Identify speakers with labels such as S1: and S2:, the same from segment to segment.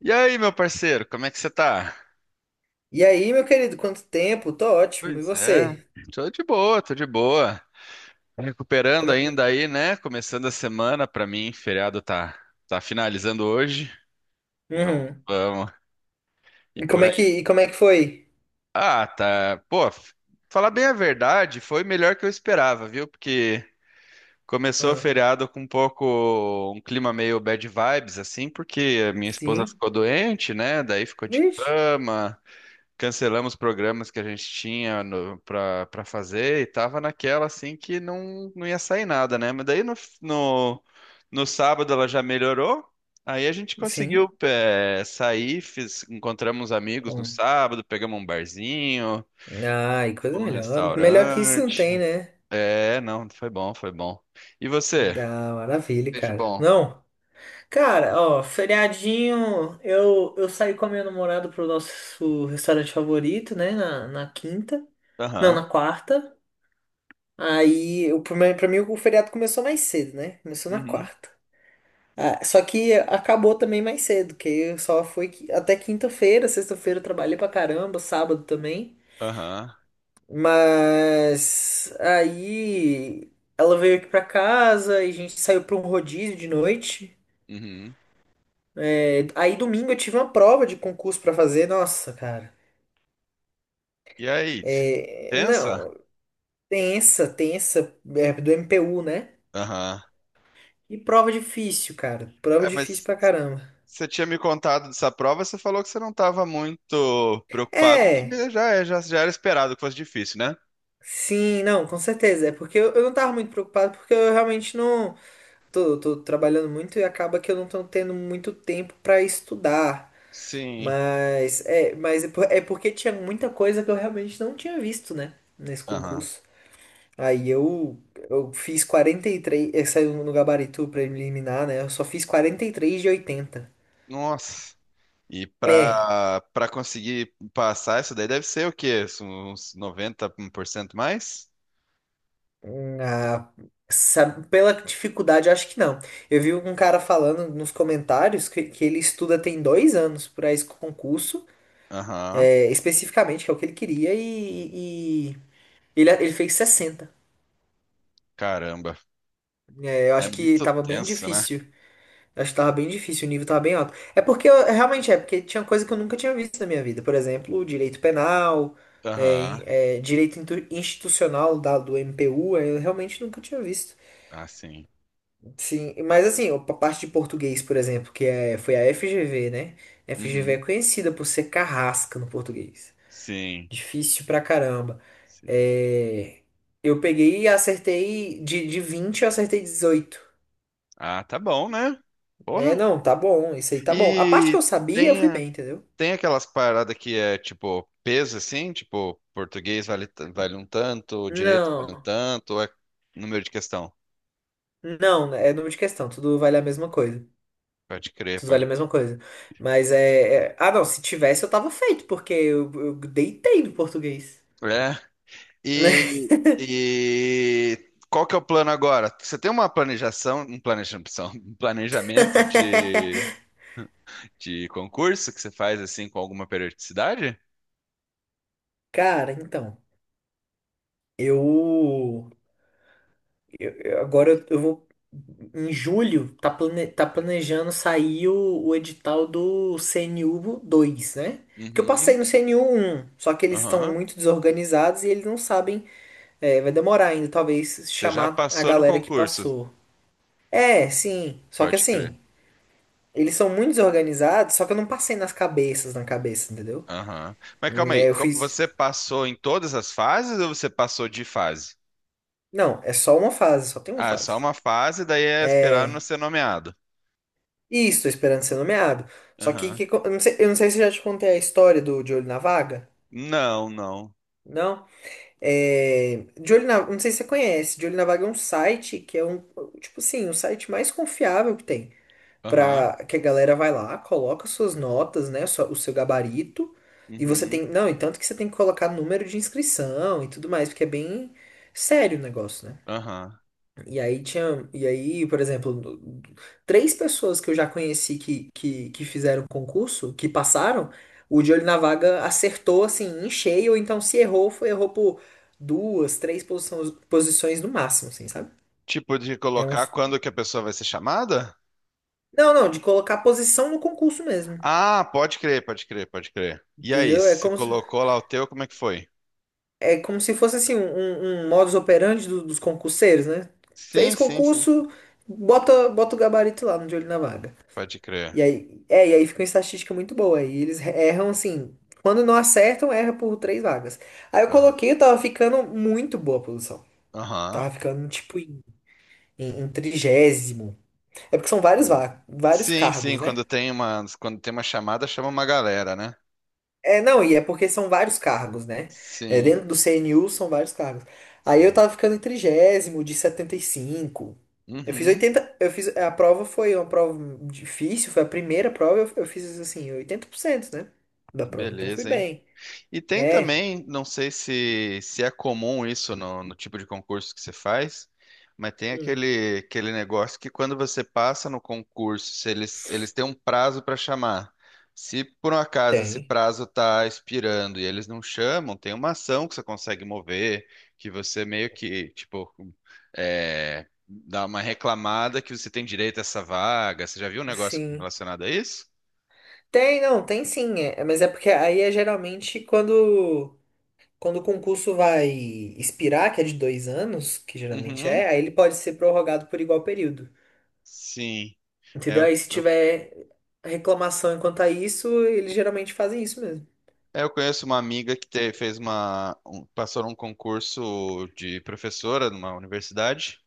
S1: E aí, meu parceiro, como é que você tá?
S2: E aí, meu querido, quanto tempo? Tô ótimo. E
S1: Pois é,
S2: você?
S1: tô de boa, tô de boa. Recuperando
S2: Como é.
S1: ainda aí, né? Começando a semana pra mim, feriado tá finalizando hoje. E vamos,
S2: Uhum.
S1: vamos. E
S2: E
S1: por
S2: como é que,
S1: aí.
S2: e como é que foi?
S1: Ah, tá. Pô, falar bem a verdade, foi melhor que eu esperava, viu? Porque começou o
S2: Ah,
S1: feriado com um pouco um clima meio bad vibes assim, porque a minha esposa
S2: sim.
S1: ficou doente, né? Daí ficou de
S2: Vixe.
S1: cama. Cancelamos programas que a gente tinha no, pra, pra fazer e tava naquela assim que não, não ia sair nada, né? Mas daí no, no sábado ela já melhorou, aí a gente
S2: Sim.
S1: conseguiu sair, encontramos amigos no
S2: Bom.
S1: sábado, pegamos um barzinho,
S2: Ah, e coisa
S1: fomos num
S2: melhor. Melhor que isso não tem,
S1: restaurante.
S2: né?
S1: É, não, foi bom, foi bom. E você?
S2: Ah, maravilha,
S1: Fez de
S2: cara.
S1: bom?
S2: Não. Cara, ó, feriadinho, eu saí com a minha namorada pro nosso restaurante favorito, né? Na quinta. Não,
S1: Aham,
S2: na quarta. Aí, pra mim, o feriado começou mais cedo, né? Começou na
S1: uhum,
S2: quarta. Ah, só que acabou também mais cedo, que eu só foi até quinta-feira, sexta-feira eu trabalhei pra caramba, sábado também.
S1: aham,
S2: Mas aí ela veio aqui pra casa e a gente saiu pra um rodízio de noite.
S1: uhum.
S2: É, aí domingo eu tive uma prova de concurso pra fazer. Nossa, cara.
S1: E aí?
S2: É,
S1: Tensa?
S2: não, tensa, tensa, é, do MPU, né?
S1: Aham.
S2: E prova difícil, cara. Prova
S1: É,
S2: difícil
S1: mas
S2: pra caramba.
S1: Você tinha me contado dessa prova, você falou que você não estava muito preocupado, que
S2: É.
S1: já era esperado que fosse difícil, né?
S2: Sim, não, com certeza. É porque eu não tava muito preocupado, porque eu realmente não. Tô trabalhando muito e acaba que eu não tô tendo muito tempo pra estudar.
S1: Sim.
S2: É porque tinha muita coisa que eu realmente não tinha visto, né? Nesse
S1: Aham.
S2: concurso. Aí eu fiz 43. Saiu no gabarito preliminar, né? Eu só fiz 43 de 80.
S1: Nossa. E
S2: É.
S1: para conseguir passar isso daí deve ser o quê? Uns 90% mais?
S2: Ah, pela dificuldade, eu acho que não. Eu vi um cara falando nos comentários que ele estuda tem 2 anos para esse concurso,
S1: Aham.
S2: é, especificamente, que é o que ele queria, e ele fez 60.
S1: Caramba.
S2: É, eu
S1: É
S2: acho que
S1: muito
S2: tava bem
S1: tenso, né?
S2: difícil. Eu acho que tava bem difícil, o nível tava bem alto. É porque, realmente, é porque tinha coisa que eu nunca tinha visto na minha vida. Por exemplo, direito penal,
S1: Aham.
S2: direito institucional do MPU, eu realmente nunca tinha visto.
S1: Ah, sim.
S2: Sim, mas assim, a parte de português, por exemplo, que é, foi a FGV, né? FGV é
S1: Uhum.
S2: conhecida por ser carrasca no português.
S1: Sim.
S2: Difícil pra caramba.
S1: Sim.
S2: É, eu peguei e acertei de 20 eu acertei 18.
S1: Ah, tá bom, né?
S2: É,
S1: Porra.
S2: não, tá bom, isso aí tá bom. A parte que
S1: E
S2: eu sabia, eu fui
S1: tem
S2: bem, entendeu?
S1: Tem aquelas paradas que é tipo peso assim, tipo português vale, vale um tanto, direito vale um
S2: Não,
S1: tanto, ou é número de questão.
S2: não, é número de questão, tudo vale a mesma coisa.
S1: Pode crer,
S2: Tudo vale
S1: pode.
S2: a mesma coisa. Mas é. Ah, não, se tivesse eu tava feito, porque eu deitei no português.
S1: É. E, e qual que é o plano agora? Você tem uma planejação, um planejação, um planejamento de concurso que você faz assim com alguma periodicidade?
S2: Cara, então. Eu, agora eu vou em julho, tá, tá planejando sair o edital do CNU dois, né? Porque eu
S1: Uhum.
S2: passei no CNU um, só que eles estão
S1: Aham.
S2: muito desorganizados e eles não sabem, vai demorar ainda, talvez
S1: Você já
S2: chamar a
S1: passou no
S2: galera que
S1: concurso,
S2: passou. É, sim, só que
S1: pode crer.
S2: assim, eles são muito desorganizados, só que eu não passei nas cabeças, na cabeça, entendeu?
S1: Aham. Mas calma aí,
S2: Eu fiz,
S1: você passou em todas as fases ou você passou de fase?
S2: não, é só uma fase, só tem uma
S1: Ah, é só
S2: fase.
S1: uma fase, daí é esperar não
S2: É,
S1: ser nomeado.
S2: isso, tô esperando ser nomeado. Só que,
S1: Aham.
S2: que co- eu não sei se eu já te contei a história do De Olho na Vaga.
S1: Não, não.
S2: Não? É, não sei se você conhece. De Olho na Vaga é um site que é um, tipo assim, o site mais confiável que tem.
S1: Aham.
S2: Pra que a galera vai lá, coloca suas notas, né? O seu gabarito. E você tem.
S1: Uhum.
S2: Não, e tanto que você tem que colocar número de inscrição e tudo mais, porque é bem sério o negócio, né?
S1: Aham.
S2: E aí, por exemplo, três pessoas que eu já conheci que fizeram concurso, que passaram, o de olho na vaga acertou assim em cheio, ou então se errou, foi errou por duas, três posições, posições no máximo, assim, sabe?
S1: Tipo de
S2: É um.
S1: colocar quando que a pessoa vai ser chamada?
S2: Não, não, de colocar posição no concurso mesmo.
S1: Ah, pode crer, pode crer, pode crer. E aí,
S2: Entendeu? É
S1: você
S2: como se,
S1: colocou lá o teu, como é que foi?
S2: é como se fosse assim um, um modus operandi dos concurseiros, né? Fez
S1: Sim, sim, sim, sim.
S2: concurso, bota o gabarito lá no de olho na vaga.
S1: Pode
S2: E
S1: crer.
S2: aí, é, e aí fica uma estatística muito boa. E eles erram assim. Quando não acertam, erra por três vagas. Aí eu
S1: Aham.
S2: coloquei, eu tava ficando muito boa a posição.
S1: Aham.
S2: Tava ficando tipo em, em 30º. É porque são vários,
S1: Uhum.
S2: va- vários
S1: Sim, sim,
S2: cargos, né?
S1: quando tem uma chamada, chama uma galera, né?
S2: É, não, e é porque são vários cargos, né? É,
S1: Sim,
S2: dentro do CNU são vários cargos. Aí eu
S1: sim.
S2: tava ficando em 30º, de 75. Eu fiz
S1: Uhum,
S2: 80, a prova foi uma prova difícil, foi a primeira prova, eu fiz assim, 80%, né? Da prova, então fui
S1: beleza, hein?
S2: bem.
S1: E tem
S2: É.
S1: também, não sei se é comum isso no tipo de concurso que você faz, mas tem
S2: Hum.
S1: aquele negócio que quando você passa no concurso, se eles, eles têm um prazo para chamar. Se por um acaso esse
S2: Tem.
S1: prazo está expirando e eles não chamam, tem uma ação que você consegue mover, que você meio que, tipo, é, dá uma reclamada que você tem direito a essa vaga. Você já viu um negócio
S2: Sim.
S1: relacionado a isso?
S2: Tem, não, tem sim. É, mas é porque aí é geralmente quando o concurso vai expirar, que é de 2 anos, que geralmente
S1: Uhum,
S2: é, aí ele pode ser prorrogado por igual período.
S1: Sim. É,
S2: Entendeu?
S1: eu,
S2: Aí se
S1: eu,
S2: tiver reclamação enquanto a isso, eles geralmente fazem isso mesmo.
S1: eu conheço uma amiga que fez uma, passou num concurso de professora numa universidade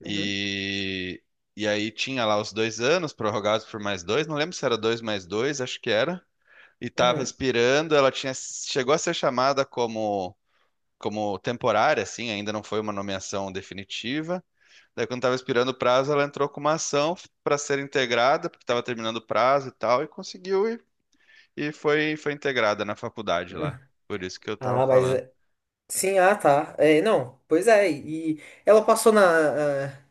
S2: Uhum,
S1: e, e aí tinha lá os 2 anos prorrogados por mais dois, não lembro se era dois mais dois, acho que era. E estava
S2: uhum,
S1: expirando, ela tinha, chegou a ser chamada como, como temporária, assim, ainda não foi uma nomeação definitiva. Daí quando estava expirando o prazo, ela entrou com uma ação para ser integrada, porque estava terminando o prazo e tal, e conseguiu. E foi, foi integrada na faculdade
S2: uhum.
S1: lá. Por isso que eu tava
S2: Ah, mas.
S1: falando.
S2: Sim, ah, tá. É, não, pois é. E ela passou na. Ah,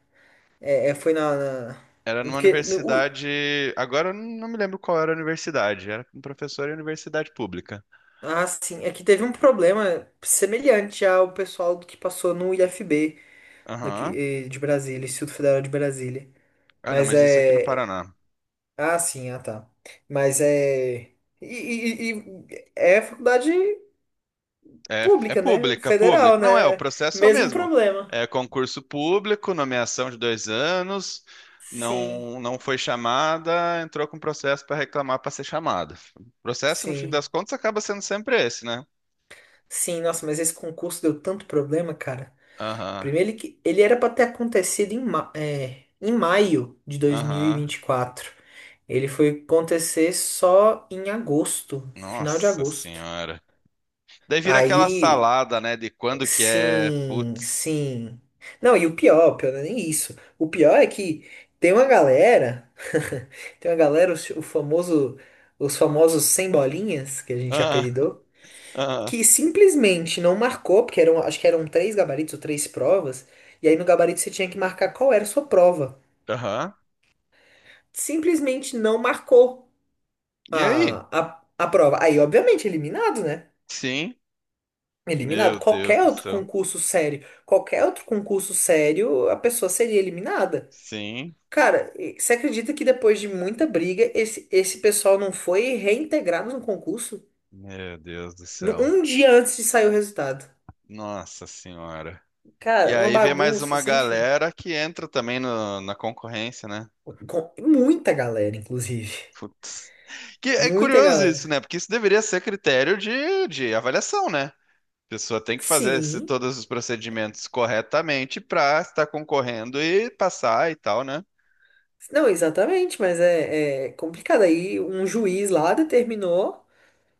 S2: é, foi na. na-
S1: Era numa
S2: Porque.
S1: universidade. Agora eu não me lembro qual era a universidade. Era um professor em universidade pública.
S2: Ah, sim. É que teve um problema semelhante ao pessoal do que passou no IFB daqui,
S1: Aham.
S2: de Brasília, Instituto Federal de Brasília.
S1: Ah, não,
S2: Mas
S1: mas isso aqui no
S2: é.
S1: Paraná.
S2: Ah, sim, ah, tá. Mas é. E é faculdade
S1: É, é
S2: pública, né?
S1: pública,
S2: Federal,
S1: pública. Não é, o
S2: né?
S1: processo é o
S2: Mesmo
S1: mesmo.
S2: problema.
S1: É concurso público, nomeação de 2 anos.
S2: Sim,
S1: Não, não foi chamada, entrou com processo para reclamar para ser chamada. O processo, no fim
S2: sim.
S1: das contas, acaba sendo sempre esse, né?
S2: Sim, nossa, mas esse concurso deu tanto problema, cara.
S1: Aham,
S2: Primeiro, ele era para ter acontecido em maio de dois mil e
S1: aham.
S2: vinte e quatro Ele foi acontecer só em agosto, final de
S1: Nossa
S2: agosto.
S1: senhora. Daí vira aquela
S2: Aí,
S1: salada, né? De quando que é,
S2: sim,
S1: putz.
S2: sim. Não, e o pior não é nem isso. O pior é que tem uma galera, tem uma galera, o famoso, os famosos sem bolinhas, que a gente
S1: Ah,
S2: apelidou,
S1: ah,
S2: que simplesmente não marcou, porque acho que eram três gabaritos ou três provas, e aí no gabarito você tinha que marcar qual era a sua prova.
S1: aham.
S2: Simplesmente não marcou
S1: E aí?
S2: a prova. Aí, obviamente, eliminado, né?
S1: Sim.
S2: Eliminado.
S1: Meu Deus
S2: Qualquer
S1: do
S2: outro
S1: céu.
S2: concurso sério, qualquer outro concurso sério, a pessoa seria eliminada.
S1: Sim.
S2: Cara, e você acredita que depois de muita briga, esse pessoal não foi reintegrado no concurso?
S1: Meu Deus do céu.
S2: Um dia antes de sair o resultado.
S1: Nossa Senhora. E
S2: Cara, uma
S1: aí vem mais
S2: bagunça
S1: uma
S2: sem fim.
S1: galera que entra também na concorrência, né?
S2: Com muita galera, inclusive.
S1: Putz. Que é
S2: Muita
S1: curioso isso, né?
S2: galera.
S1: Porque isso deveria ser critério de avaliação, né? A pessoa tem que fazer
S2: Sim.
S1: todos os procedimentos corretamente para estar concorrendo e passar e tal, né?
S2: Não, exatamente, mas é complicado. Aí um juiz lá determinou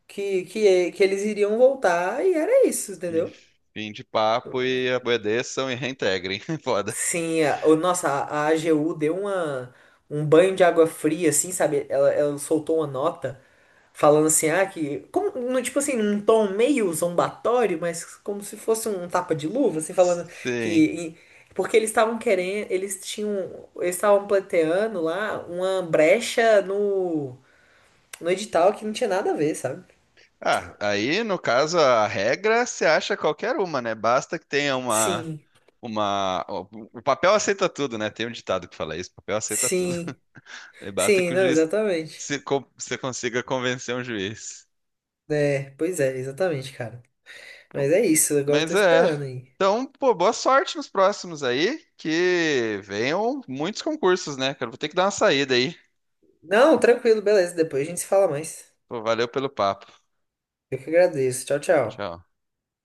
S2: que eles iriam voltar e era isso,
S1: E
S2: entendeu?
S1: fim de papo e obedeçam e reintegrem. Foda.
S2: Sim, nossa, a AGU deu uma, um banho de água fria, assim, sabe? Ela soltou uma nota. Falando assim, ah, que. Como, no, tipo assim, num tom meio zombatório, mas como se fosse um tapa de luva, assim, falando que.
S1: Sim.
S2: e- Porque eles estavam querendo. Eles tinham. Eles estavam pleiteando lá uma brecha no edital que não tinha nada a ver, sabe?
S1: Ah, aí no caso a regra se acha qualquer uma, né? Basta que tenha
S2: Sim,
S1: uma... O papel aceita tudo, né? Tem um ditado que fala isso, o papel aceita tudo.
S2: sim,
S1: E basta
S2: sim,
S1: que o
S2: não,
S1: juiz
S2: exatamente.
S1: se, con- você consiga convencer um juiz.
S2: É, pois é, exatamente, cara. Mas é isso, agora eu tô
S1: Mas é.
S2: esperando aí.
S1: Então, pô, boa sorte nos próximos aí, que venham muitos concursos, né? Cara, vou ter que dar uma saída aí.
S2: Não, tranquilo, beleza, depois a gente se fala mais.
S1: Pô, valeu pelo papo.
S2: Eu que agradeço. Tchau, tchau.
S1: Tchau.